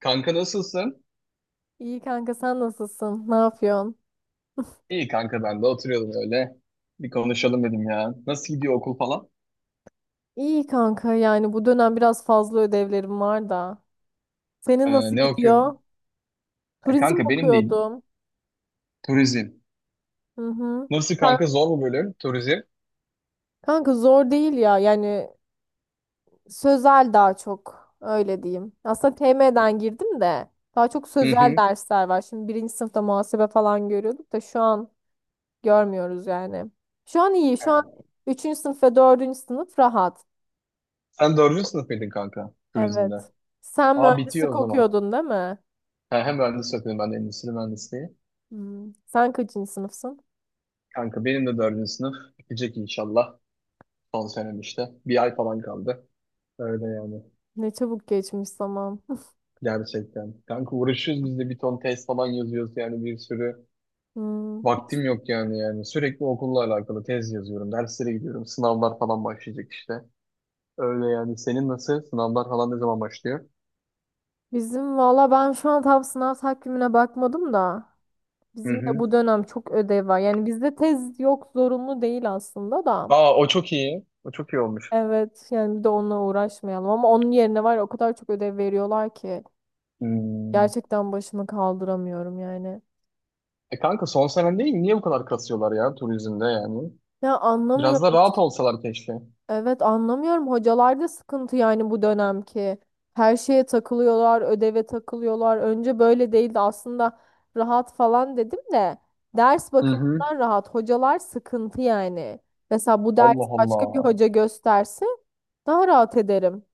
Kanka, nasılsın? İyi kanka sen nasılsın? Ne yapıyorsun? İyi kanka, ben de oturuyordum öyle. Bir konuşalım dedim ya. Nasıl gidiyor okul falan? İyi kanka yani bu dönem biraz fazla ödevlerim var da. Senin nasıl Ne gidiyor? okuyorsun? Ya Turizm kanka benim değil. okuyordum. Turizm. Hı hı. Nasıl kanka, Sen- zor mu bölüm? Turizm. Kanka zor değil ya yani sözel daha çok öyle diyeyim. Aslında TM'den girdim de daha çok Hı sözel hı. dersler var. Şimdi birinci sınıfta muhasebe falan görüyorduk da şu an görmüyoruz yani. Şu an iyi şu an üçüncü sınıf ve dördüncü sınıf rahat. Sen dördüncü sınıf mıydın kanka turizmde? Evet. Sen Aa, bitiyor o mühendislik zaman. okuyordun değil mi? Ha, hem mühendis okuyorum ben de, endüstri mühendisliği. Hmm. Sen kaçıncı sınıfsın? Kanka benim de dördüncü sınıf bitecek inşallah. Son senem işte. Bir ay falan kaldı. Öyle yani. Ne çabuk geçmiş zaman. Gerçekten. Kanka uğraşıyoruz biz de, bir ton test falan yazıyoruz yani, bir sürü. Hmm. Vaktim yok yani. Sürekli okulla alakalı tez yazıyorum. Derslere gidiyorum. Sınavlar falan başlayacak işte. Öyle yani. Senin nasıl? Sınavlar falan ne zaman başlıyor? Bizim valla ben şu an tam sınav takvimine bakmadım da Hı bizim de hı. bu dönem çok ödev var. Yani bizde tez yok zorunlu değil aslında da. Aa, o çok iyi. O çok iyi olmuş. Evet yani bir de onunla uğraşmayalım ama onun yerine var ya o kadar çok ödev veriyorlar ki Hmm. gerçekten başımı kaldıramıyorum yani. E kanka, son senen değil mi? Niye bu kadar kasıyorlar ya turizmde yani? Ya Biraz da anlamıyorum. rahat olsalar keşke. Evet anlamıyorum. Hocalarda sıkıntı yani bu dönemki. Her şeye takılıyorlar, ödeve takılıyorlar. Önce böyle değildi aslında rahat falan dedim de ders Hı hı. bakımından rahat. Hocalar sıkıntı yani. Mesela bu ders Allah başka bir Allah. hoca gösterse daha rahat ederim.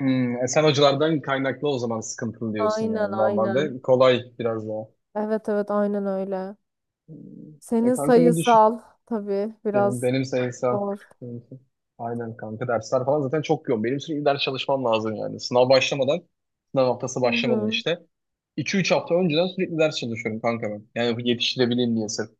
Hmm, e sen hocalardan kaynaklı o zaman sıkıntılı diyorsun Aynen yani. aynen. Normalde kolay biraz daha. Evet evet aynen öyle. Hmm. E Senin kanka, ne düşün? sayısal tabii Benim, biraz benim sayısam. zor. benim- Aynen kanka, dersler falan zaten çok yoğun. Benim sürekli ders çalışmam lazım yani. Sınav başlamadan, sınav haftası Hı başlamadan hı. işte. İki üç hafta önceden sürekli ders çalışıyorum kanka ben. Yani yetiştirebileyim diye sırf.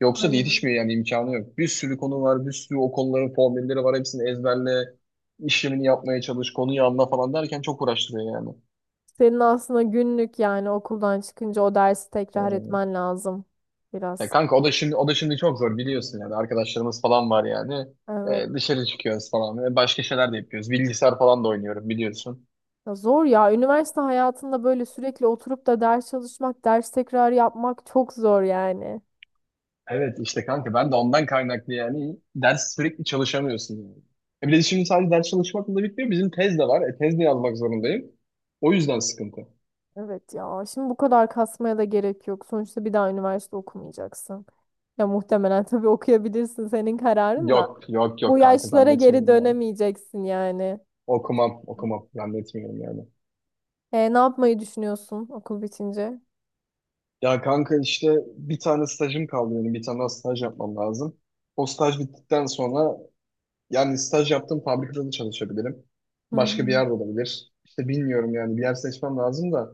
Yoksa da Aynen. yetişmiyor yani, imkanı yok. Bir sürü konu var, bir sürü o konuların formülleri var. Hepsini ezberle, işlemini yapmaya çalış, konuyu anla falan derken çok uğraştırıyor yani. Senin aslında günlük yani okuldan çıkınca o dersi tekrar Ee, etmen lazım Ya biraz. kanka, o da şimdi çok zor biliyorsun yani, arkadaşlarımız falan var yani. Evet. E, dışarı çıkıyoruz falan. E, başka şeyler de yapıyoruz. Bilgisayar falan da oynuyorum biliyorsun. Ya zor ya. Üniversite hayatında böyle sürekli oturup da ders çalışmak, ders tekrar yapmak çok zor yani. Evet işte kanka, ben de ondan kaynaklı yani, ders sürekli çalışamıyorsun yani. E bir de şimdi sadece ders çalışmakla da bitmiyor. Bizim tez de var. E, tez de yazmak zorundayım. O yüzden sıkıntı. Evet ya. Şimdi bu kadar kasmaya da gerek yok. Sonuçta bir daha üniversite okumayacaksın. Ya muhtemelen tabii okuyabilirsin senin kararın da. Yok yok yok Bu kanka, yaşlara geri zannetmiyorum yani. dönemeyeceksin yani. Okumam zannetmiyorum yani. Ne yapmayı düşünüyorsun okul bitince? Ya kanka işte, bir tane stajım kaldı benim. Bir tane daha staj yapmam lazım. O staj bittikten sonra, yani staj yaptığım fabrikada da çalışabilirim. Hı Başka bir hı. yerde olabilir. İşte bilmiyorum yani, bir yer seçmem lazım da.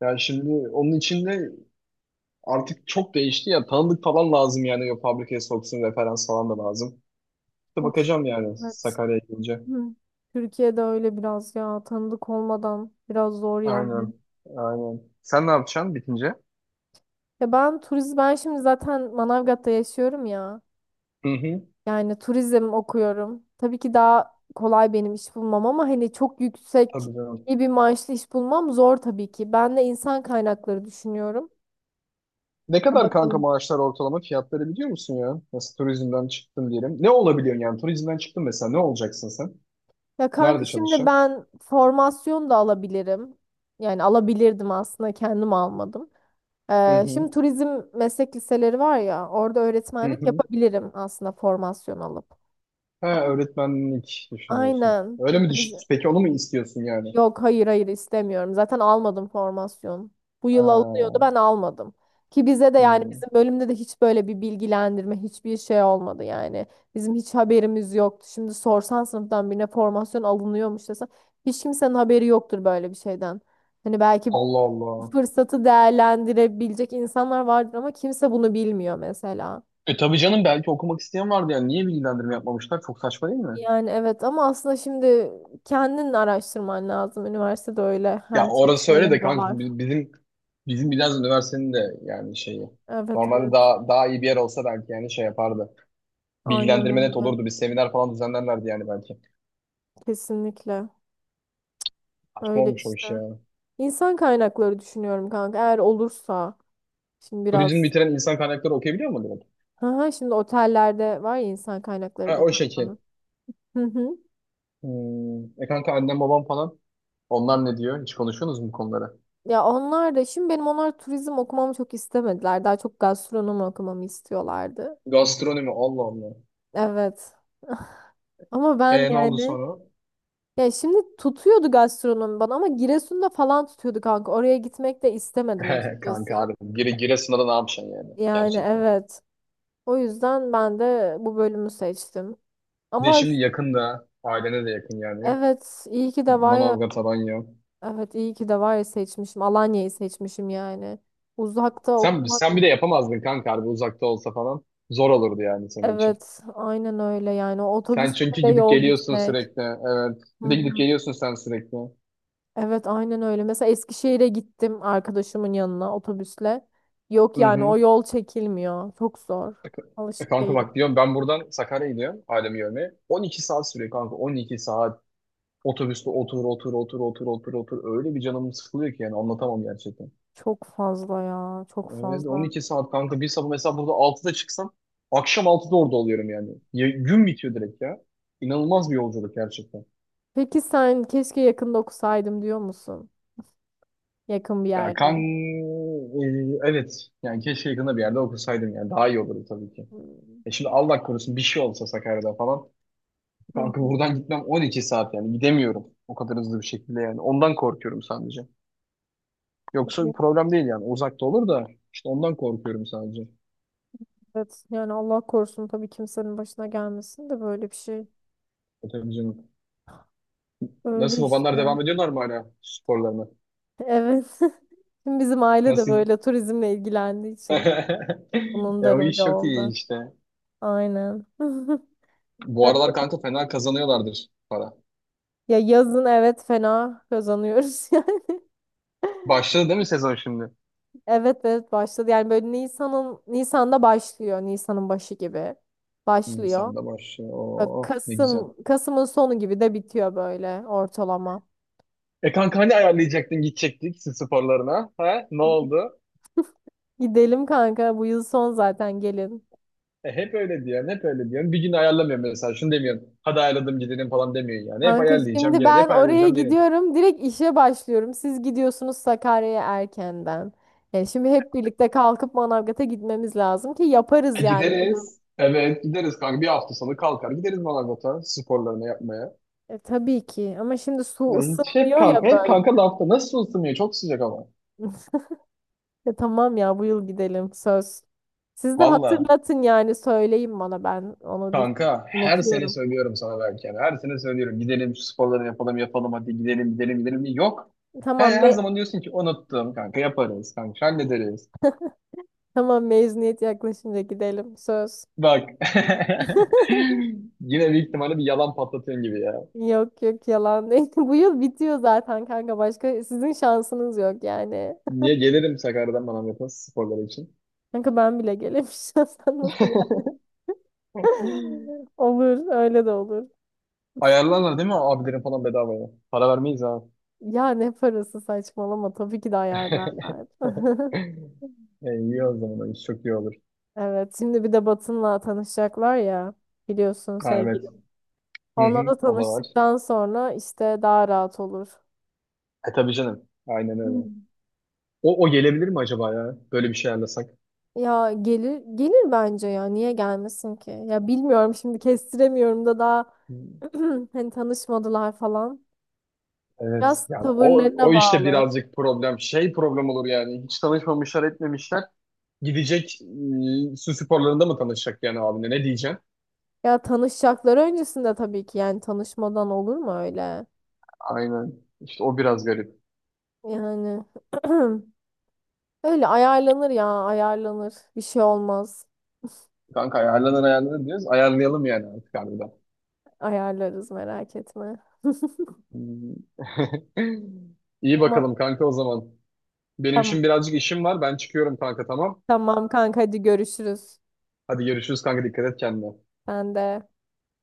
Yani şimdi onun için de, artık çok değişti ya. Tanıdık falan lazım yani, o fabrikaya soksun, referans falan da lazım. İşte Of, bakacağım yani evet. Sakarya'ya gelince. Hı. Türkiye'de öyle biraz ya tanıdık olmadan biraz zor yani. Aynen. Aynen. Sen ne yapacaksın bitince? Ya ben turizm ben şimdi zaten Manavgat'ta yaşıyorum ya. Hı hı. Yani turizm okuyorum. Tabii ki daha kolay benim iş bulmam ama hani çok yüksek Tabii canım. iyi bir maaşlı iş bulmam zor tabii ki. Ben de insan kaynakları düşünüyorum. Ne Ha, kadar kanka bakalım. maaşlar, ortalama fiyatları biliyor musun ya? Nasıl, turizmden çıktın diyelim. Ne olabiliyorsun yani? Turizmden çıktın mesela, ne olacaksın sen? Ya kanka Nerede şimdi çalışacaksın? ben formasyon da alabilirim. Yani alabilirdim aslında kendim almadım. Hı hı. Şimdi turizm meslek liseleri var ya orada Hı öğretmenlik hı. yapabilirim aslında formasyon alıp. Ha, öğretmenlik düşünüyorsun. Aynen. Öyle Mesela mi düş, peki onu mu istiyorsun yani? yok, hayır hayır istemiyorum. Zaten almadım formasyon. Bu Ha, yıl alınıyordu ben almadım. Ki bize de yani hmm. bizim bölümde de hiç böyle bir bilgilendirme hiçbir şey olmadı yani. Bizim hiç haberimiz yoktu. Şimdi sorsan sınıftan birine formasyon alınıyormuş desen hiç kimsenin haberi yoktur böyle bir şeyden. Hani belki Allah bu Allah. fırsatı değerlendirebilecek insanlar vardır ama kimse bunu bilmiyor mesela. E tabii canım, belki okumak isteyen vardı yani. Niye bilgilendirme yapmamışlar? Çok saçma değil mi? Yani evet ama aslında şimdi kendin araştırman lazım. Üniversitede öyle Ya her şeyi orası öyle de kanka, söylemiyorlar. bizim biraz üniversitenin de yani şeyi. Evet Normalde evet. daha iyi bir yer olsa belki yani şey yapardı. Aynen Bilgilendirme net öyle. olurdu. Bir seminer falan düzenlerlerdi yani belki. Kesinlikle. Saçma Öyle olmuş o işte. iş ya. İnsan kaynakları düşünüyorum kanka. Eğer olursa şimdi Turizm biraz. bitiren insan kaynakları okuyabiliyor mu direkt? Hı hı, şimdi otellerde var ya insan kaynakları Ha, o şekil. departmanı. Hı hı. Hmm. E kanka, annem babam falan, onlar ne diyor? Hiç konuşuyorsunuz mu bu konuları? Ya onlar da şimdi benim onlar turizm okumamı çok istemediler. Daha çok gastronomi okumamı istiyorlardı. Gastronomi, Allah Allah. Evet. Ama ben E ne oldu yani sonra? ya şimdi tutuyordu gastronomi bana ama Giresun'da falan tutuyordu kanka. Oraya gitmek de istemedim Kanka açıkçası. abi, Giresun'da da ne yapacaksın yani Yani gerçekten. evet. O yüzden ben de bu bölümü seçtim. Bir de Ama şimdi is- yakın, ailene de yakın yani. evet iyi ki de var ya Manavgat, Alanya. evet iyi ki de var ya seçmişim. Alanya'yı seçmişim yani. Uzakta Sen, okumak sen bir de yapamazdın kanka, harbi uzakta olsa falan. Zor olurdu yani senin için. evet aynen öyle yani o Sen otobüsle çünkü de gidip yol geliyorsun gitmek. sürekli. Evet. Hı Bir de gidip hı. geliyorsun sen sürekli. Evet aynen öyle. Mesela Eskişehir'e gittim arkadaşımın yanına otobüsle. Yok Hı yani hı. o yol çekilmiyor. Çok zor. E Alışık kanka değilim. bak, diyorum ben buradan Sakarya'ya gidiyorum ailemi görmeye. 12 saat sürüyor kanka, 12 saat. Otobüste otur otur otur otur otur otur. Öyle bir canım sıkılıyor ki yani, anlatamam gerçekten. Çok fazla ya, çok Evet on fazla. iki saat kanka, bir sabah mesela burada altıda çıksam akşam altıda orada oluyorum yani. Ya- gün bitiyor direkt ya. İnanılmaz bir yolculuk gerçekten. Peki sen keşke yakında okusaydım diyor musun? Yakın bir Ya yerde. kan e, evet yani keşke yakında bir yerde okusaydım yani, daha iyi olurdu tabii ki. Hmm. E şimdi Allah korusun bir şey olsa Sakarya'da falan. Hı. Kanka buradan gitmem 12 saat yani, gidemiyorum o kadar hızlı bir şekilde yani. Ondan korkuyorum sadece. Yoksa bir problem değil yani, uzakta olur da işte, ondan korkuyorum sadece. Evet yani Allah korusun tabii kimsenin başına gelmesin de böyle bir şey. E, tabii canım. Öyle Nasıl babanlar, işte. devam ediyorlar mı hala sporlarına? Evet. Şimdi bizim aile de Nasıl? böyle turizmle ilgilendiği için bunun E, da o iş rolü çok iyi oldu. işte. Aynen. Bu aralar kanka fena kazanıyorlardır para. Ya yazın evet fena kazanıyoruz yani. Başladı değil mi sezon şimdi? Evet evet başladı. Yani böyle Nisan'da başlıyor. Nisan'ın başı gibi başlıyor. Nisan'da başlıyor. Böyle Oo, ne güzel. Kasım'ın sonu gibi de bitiyor böyle ortalama. E kanka hani ayarlayacaktın, gidecektik siz sporlarına? Ha? Ne E, oldu? Gidelim kanka bu yıl son zaten gelin. E, hep öyle diyorsun. Bir gün ayarlamıyorum mesela. Şunu demiyorsun. Hadi ayarladım gidelim falan demiyorsun yani. Hep Kanka ayarlayacağım şimdi gelin, ben hep oraya ayarlayacağım gelin. gidiyorum. Direkt işe başlıyorum. Siz gidiyorsunuz Sakarya'ya erkenden. Yani şimdi hep birlikte kalkıp Manavgat'a gitmemiz lazım ki yaparız E, yani bu yıl. gideriz. Evet gideriz kanka. Bir hafta sonu kalkar gideriz Manavgat'a sporlarını yapmaya. Tabii ki ama şimdi su Ya hiç, hep ısınmıyor kanka, ya hep böyle. kanka lafta. Nasıl ısınıyor? Çok sıcak ama. Tamam ya bu yıl gidelim söz. Siz de Valla. hatırlatın yani söyleyin bana ben onu Kanka her sene unutuyorum. söylüyorum sana belki. Yani. Her sene söylüyorum. Gidelim şu sporları yapalım yapalım, hadi gidelim gidelim gidelim. Yok. Her, Tamam, her zaman diyorsun ki unuttum kanka, yaparız kanka, hallederiz. tamam mezuniyet yaklaşınca gidelim söz. Bak. Yine büyük ihtimalle bir yalan patlatıyorsun gibi ya. Yok yok yalan değil. Bu yıl bitiyor zaten kanka. Başka sizin şansınız yok yani. Niye gelirim Sakarya'dan bana, yapın sporları için. Kanka ben bile gelemişim. Sen nasıl ya? Olur öyle de olur. Ayarlarlar değil mi abilerin falan bedavaya? Para vermeyiz ha. Ya ne parası saçmalama. Tabii ki de ayarlarlar. E, iyi o zaman. Çok iyi olur. Evet şimdi bir de Batın'la tanışacaklar ya. Biliyorsun Ha, evet. sevgilim. Hı Onunla hı, da o da var. tanıştıktan sonra işte daha rahat olur. E tabii canım. Aynen öyle. O gelebilir mi acaba ya? Böyle bir şey ayarlasak. Ya gelir gelir bence ya. Niye gelmesin ki? Ya bilmiyorum şimdi kestiremiyorum da daha Hı, hani tanışmadılar falan. evet. Biraz Yani o, tavırlarına o işte bağlı. birazcık problem. Şey problem olur yani. Hiç tanışmamışlar etmemişler. Gidecek, e, su sporlarında mı tanışacak yani abine? Ne diyeceksin? Ya tanışacakları öncesinde tabii ki yani tanışmadan olur mu öyle? Aynen. İşte o biraz garip. Yani öyle ayarlanır ya ayarlanır. Bir şey olmaz. Kanka ayarlanır diyoruz. Ayarlayalım yani artık harbiden. Ayarlarız merak etme. Hmm. İyi Ama bakalım kanka o zaman. Benim şimdi tamam, birazcık işim var. Ben çıkıyorum kanka, tamam. tamam kanka hadi görüşürüz. Hadi görüşürüz kanka, dikkat et kendine. Ben de.